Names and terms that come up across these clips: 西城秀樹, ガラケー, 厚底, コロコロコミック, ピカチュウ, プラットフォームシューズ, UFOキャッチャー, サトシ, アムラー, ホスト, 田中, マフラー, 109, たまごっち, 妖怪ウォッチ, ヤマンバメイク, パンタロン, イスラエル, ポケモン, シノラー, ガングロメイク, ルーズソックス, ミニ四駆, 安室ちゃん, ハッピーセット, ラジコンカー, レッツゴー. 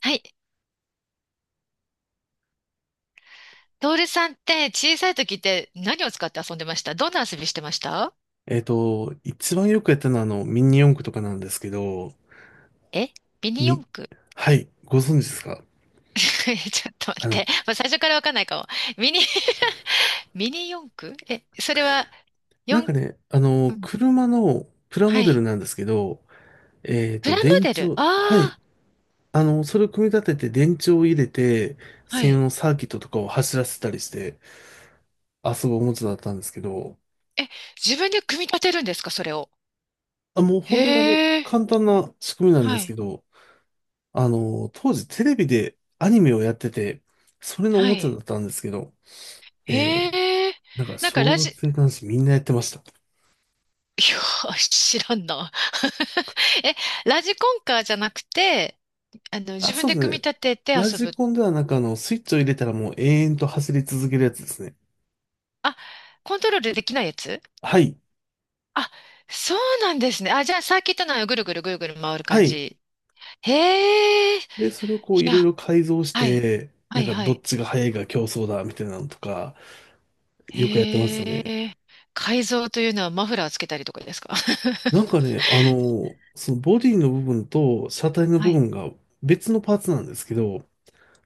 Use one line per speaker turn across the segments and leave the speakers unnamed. はい。トールさんって小さい時って何を使って遊んでました？どんな遊びしてました？
一番よくやったのは、ミニ四駆とかなんですけど、
え、ミニ
み、
四駆？
はい、ご存知ですか？
ちょっと待
あ
っ
の、
て。まあ、最初からわかんないかも。ミニ ミニ四駆、え、それは、
なんか
四、
ね、
うん、
車のプラモ
は
デル
い。
なんですけど、
プラモ
電
デ
池
ル、あ、
を、はい、
あ、
それを組み立てて電池を入れて、
は
専用
い。
のサーキットとかを走らせたりして遊ぶおもちゃだったんですけど、
え、自分で組み立てるんですか、それを。
あ、もう
へ
本当に
え、
簡単な仕組みなんで
は
すけ
い。
ど、当時テレビでアニメをやってて、それのお
は
もちゃだ
い。
ったんですけど、えー
へえ、
なんか、
なんか
小
ラジ、
学
い
生男子みんなやってました。
や、知らんな。え、ラジコンカーじゃなくて、あの、
あ、
自分
そう
で
で
組み
すね。
立てて
ラ
遊
ジ
ぶ。
コンではなんかスイッチを入れたらもう永遠と走り続けるやつですね。
あ、コントロールできないやつ。
はい。
あ、そうなんですね。あ、じゃあ、サーキットのぐるぐるぐるぐる回る
は
感
い。
じ。へえ、い
で、それをこういろい
や、
ろ改造し
はい、
て、
は
なん
い、
か
は
どっ
い。
ちが速いか競争だみたいなのとか、よくやってました
へ
ね。
え、改造というのはマフラーつけたりとかですか？
なんかね、そのボディの部分と車体 の
は
部
い。
分が別のパーツなんですけど、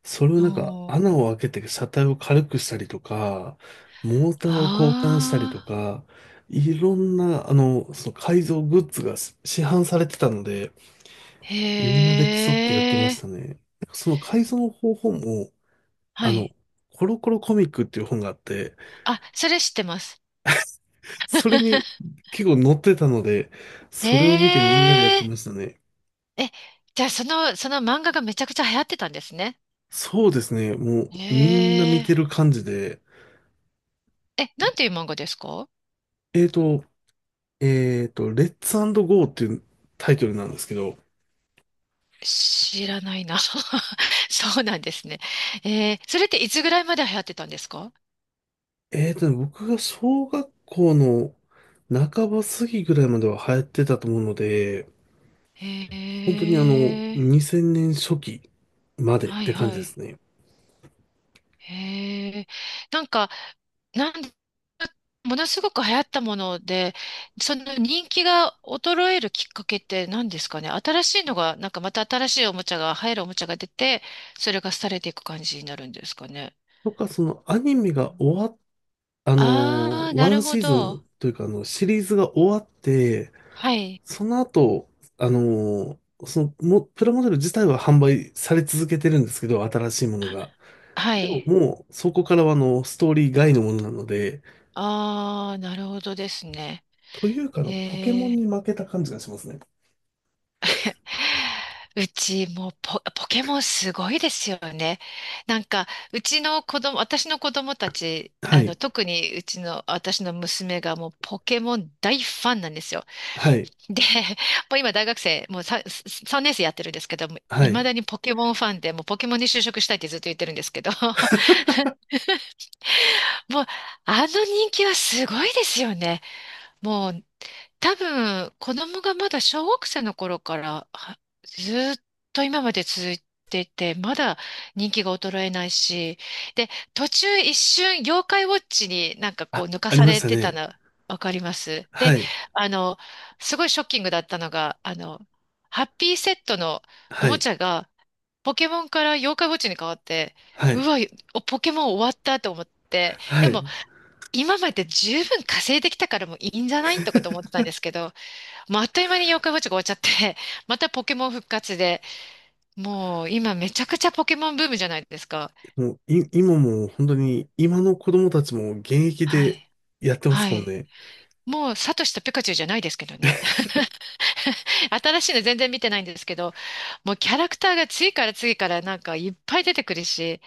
それを
お
なんか
ー、
穴を開けて車体を軽くしたりとか、モーターを交換したり
あ
とか、いろんな、その改造グッズが市販されてたので、
ー、
みんな
へ
で競ってやってまし
え、
たね。なんかその改造の方法も、
は
あの、
い。
コロコロコミックっていう本があって、
あ、それ知ってます。
それに 結構載ってたので、それを見て
へ
みんなでやっ
え、
てましたね。
え、じゃあ、その、その漫画がめちゃくちゃ流行ってたんですね。
そうですね。もうみんな
へ
見
え。
てる感じで、
え、なんていう漫画ですか？
えーと、レッツゴーっていうタイトルなんですけど、
知らないな。そうなんですね。えー、それっていつぐらいまで流行ってたんですか？
僕が小学校の半ば過ぎぐらいまでは流行ってたと思うので、本当
へ
に
え、
2000年初期までっ
はい
て感
は
じです
い。
ね。
へえ、なんか、なん、ものすごく流行ったもので、その人気が衰えるきっかけって何ですかね？新しいのが、また新しいおもちゃが、流行るおもちゃが出て、それが廃れていく感じになるんですかね。
とか、そのアニメが終わっ、あの
ああー、
ー、
な
ワ
る
ン
ほ
シーズ
ど。
ンというかシリーズが終わって、
はい、
その後、プラモデル自体は販売され続けてるんですけど、新しいものが。
は
でも
い。
もう、そこからはストーリー外のものなので、
ああ、なるほどですね。
というかポケモ
え
ン
え。
に負けた感じがしますね。
うち、もうポケモンすごいですよね。なんか、うちの子供、私の子供たち、
は
あの、
い、
特にうちの、私の娘がもうポケモン大ファンなんですよ。
はい、
で、もう今大学生、もう 3, 3年生やってるんですけども、
は
いま
い。
だにポケモンファンで、もうポケモンに就職したいってずっと言ってるんですけど、もう、あの人気はすごいですよね。もう、多分、子供がまだ小学生の頃からはずーっと今まで続いていて、まだ人気が衰えないし、で、途中一瞬妖怪ウォッチにこ
あ、
う抜か
あり
さ
まし
れ
た
てた
ね。
の、わかります。
は
で、
い、
あの、すごいショッキングだったのが、あの、ハッピーセットのお
は
も
い、
ちゃがポケモンから妖怪ウォッチに変わって、
は
う
い、
わ、ポケモン終わったと思って、
は
でも
い。
今まで十分稼いできたからもういいんじゃないとかと思ってたんですけど、もうあっという間に妖怪ウォッチが終わっちゃって、またポケモン復活で、もう今めちゃくちゃポケモンブームじゃないですか。
もう、今もう本当に、今の子供たちも現役
は
で
い。
やってま
は
すもん
い。
ね。
もうサトシとピカチュウじゃないですけどね。新しいの全然見てないんですけど、もうキャラクターが次から次からなんかいっぱい出てくるし、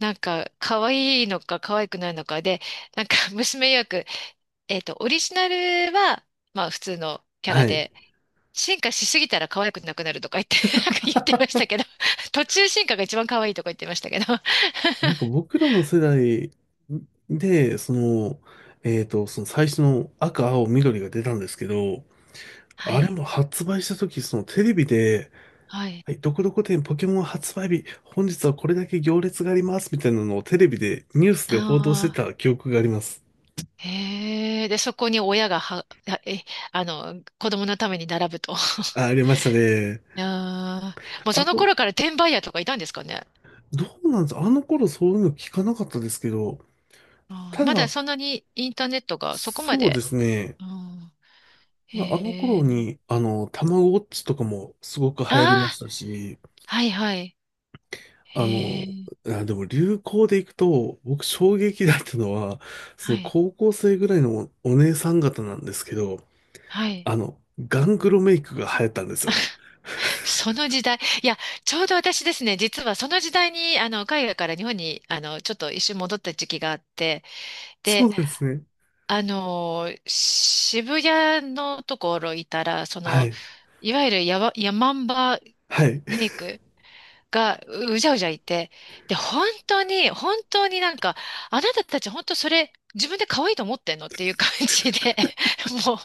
なんか可愛いのか可愛くないのかで、なんか 娘曰く、えっと、オリジナルは、まあ普通のキャ
は
ラ
い。
で、進化しすぎたら可愛くなくなるとか言って、なんか言ってましたけど、途中進化が一番可愛いとか言ってましたけど。
なんか僕らの世代で、その最初の赤、青、緑が出たんですけど、
は
あれ
い。
も発売した時、そのテレビで、
はい。
はい、どこどこ店ポケモン発売日、本日はこれだけ行列があります、みたいなのをテレビで、ニュース
あ
で報道してた
あ、
記憶があります。
へえ。で、そこに親がは、はえ、あの、子供のために並ぶと。
あ、ありましたね。
ああ、もう
あ
その
と、
頃から転売ヤーとかいたんですかね。
どうなんです？あの頃そういうの聞かなかったですけど、
あ
た
ー、まだ
だ、
そんなにインターネットがそこま
そうで
で。
すね。
うん、
ただあの
へ
頃
え。
に、たまごっちとかもすごく流
あ
行りまし
あ、
たし、
はいはい。
あ
へ
の、
え。
あ、でも流行でいくと、僕衝撃だったのは、その
はい。
高校生ぐらいのお姉さん方なんですけど、
はい。
あの、ガングロメイクが流行ったんですよ。
その時代、いや、ちょうど私ですね、実はその時代に、あの、海外から日本に、あの、ちょっと一瞬戻った時期があって、
そう
で、
なんですね。
あの、渋谷のところいたら、そ
は
の、
い。
いわゆるヤマンバ
はい。
メイクがうじゃうじゃいて、で、本当に、本当にあなたたち本当それ、自分で可愛いと思ってんのっていう感じで、もう、冷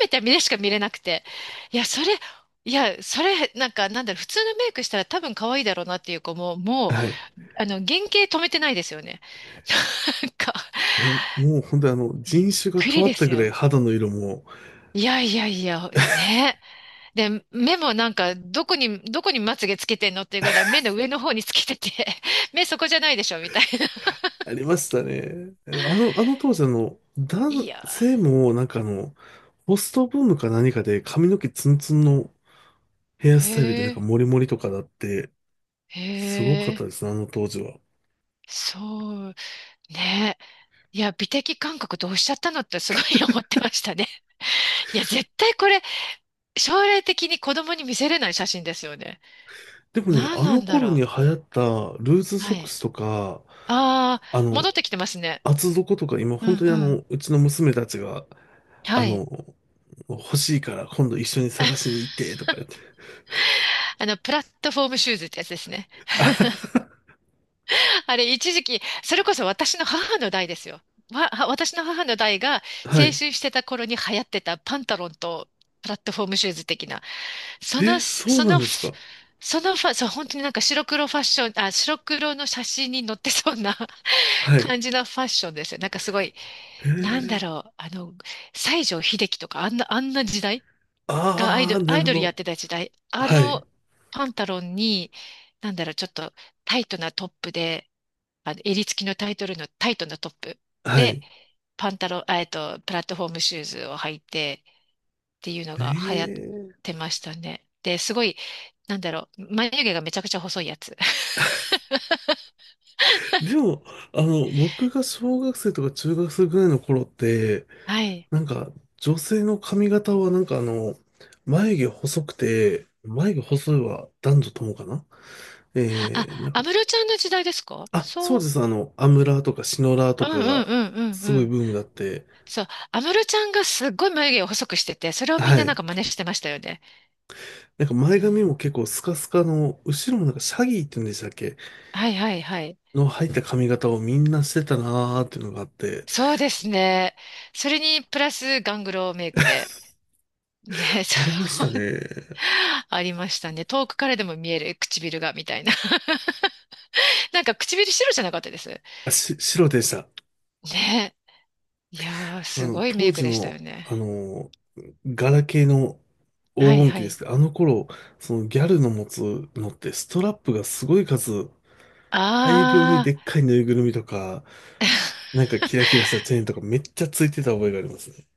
めた目でしか見れなくて、いや、それ、いや、それ、なんか、なんだろう、普通のメイクしたら多分可愛いだろうなっていう子も、もう、
はい。
あの、原型止めてないですよね。なんか、
いや、もう本当に
びっ
人種が
く
変
り
わっ
で
た
す
ぐらい
よ。
肌の色も
いやいやいや、ね。で、目もなんか、どこにまつげつけてんのっていうぐらい、目の上の方につけてて、目そこじゃないでしょ、みたいな。
ありましたね。あの当時
い
男
や
性もなんかホストブームか何かで髪の毛ツンツンのヘア
ー、
スタイルでな
へ
んか
え、
モリモリとかだって、すごか
へ
った
え、
ですね、あの当時は。
そう、ね。いや、美的感覚どうしちゃったのってすごい 思ってましたね。いや、絶対これ、将来的に子供に見せれない写真ですよね。
でもね、
何
あ
な
の
んだ
頃に
ろ
流行ったルーズ
う。
ソ
は
ック
い。
スとか、
ああ、
あ
戻
の、
ってきてますね。
厚底とか今
う
本
ん
当に
うん。
うちの娘たちが、あ
はい。
の、欲しいから今度一緒に探しに行ってとか言って。
あの、プラットフォームシューズってやつですね。あれ、一時期、それこそ私の母の代ですよ。は私の母の代が青
は
春
い。
してた頃に流行ってたパンタロンとプラットフォームシューズ的な、その、
そう
そ
なん
の、
ですか？
そのファ、そう、本当になんか白黒ファッション、あ、白黒の写真に載ってそうな
はい。
感じのファッションですよ。なんかすごい、
へ
なんだ
え。
ろう、あの、西城秀樹とか、あんな時代がアイ
あ
ド
あ、
ル、
な
ア
る
イ
ほ
ドルや
ど。
ってた時代、あ
はい。
のパンタロンに、なんだろう、ちょっとタイトなトップで、あの、襟付きのタイトルの、タイトのトップ
は
で、
い。
パンタロン、あ、えっと、プラットフォームシューズを履いてっていうの
え
が流行って
え。
ましたね。で、すごい、なんだろう、眉毛がめちゃくちゃ細いやつ。
でも、僕が小学生とか中学生ぐらいの頃って、
はい。
なんか、女性の髪型はなんか眉毛細くて、眉毛細いは男女ともかなえ
あ、
ー、なん
あ安
か
室ちゃんの時代ですか？
あ、そう
そ
で
う。
す。アムラーとかシノラー
う
とか
んうん
が
うんうん
す
う
ごい
ん。
ブームだって。
そう。安室ちゃんがすっごい眉毛を細くしてて、それをみ
は
んなな
い。
んか真似してましたよね。
なんか前
うん。
髪も結構スカスカの、後ろもなんかシャギーって言うんでしたっけ
はいはいはい。
の入った髪型をみんなしてたなーっていうのがあって、
そうですね。それにプラスガングロメイクで。ね、
ありまし
そう。
たね。
ありましたね。遠くからでも見える唇が、みたいな。なんか唇白じゃなかったです？
あ、白でした。
ね、いやー、すごいメ
当
イク
時
でしたよ
の、
ね。
あの、ガラケーの黄
はい
金
は
期です
い。
けど、あの頃、そのギャルの持つのってストラップがすごい数、大量に
あ
でっ
ー、
かいぬいぐるみとか、なんかキラキラしたチェーンとかめっちゃついてた覚えがありますね。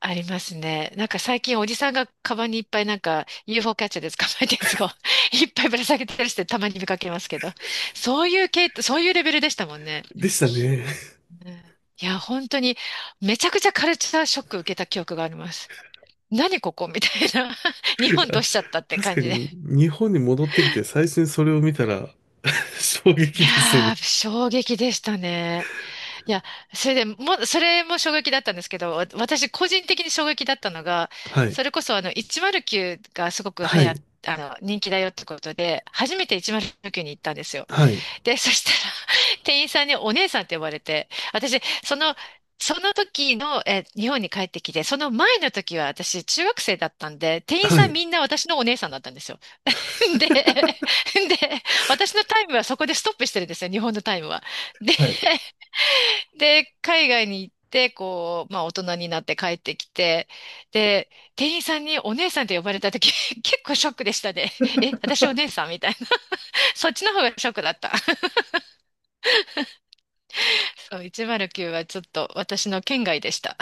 ありますね。なんか最近おじさんがカバンにいっぱいなんか UFO キャッチャーで捕まえたやつを いっぱいぶら下げてたりしてたまに見かけますけど。そういう系、そういうレベルでしたもんね。
でしたね。
うん、いや、本当にめちゃくちゃカルチャーショック受けた記憶があります。何ここみたいな。日 本どう
あ
しちゃったって
確
感
か
じで。
に日本に戻ってきて最初にそれを見たら 衝
い
撃ですよ
や
ね。
ー、衝撃でしたね。いや、それでも、それも衝撃だったんですけど、私個人的に衝撃だったのが、
はい。
それこそあの、109がすごく流
は
行っ、
い。
あの、人気だよってことで、初めて109に行ったんですよ。
はい。
で、そしたら、店員さんにお姉さんって呼ばれて、私、その、その時の、え、日本に帰ってきて、その前の時は私、中学生だったんで、店員
は
さん
い。
みんな私のお姉さんだったんですよ。で、私のタイムはそこでストップしてるんですよ、日本のタイムは。で、
はい。
で、海外に行って、こう、まあ大人になって帰ってきて、で、店員さんにお姉さんって呼ばれた時、結構ショックでしたね。え、私お姉さんみたいな。そっちの方がショックだった。そう、109はちょっと私の圏外でした。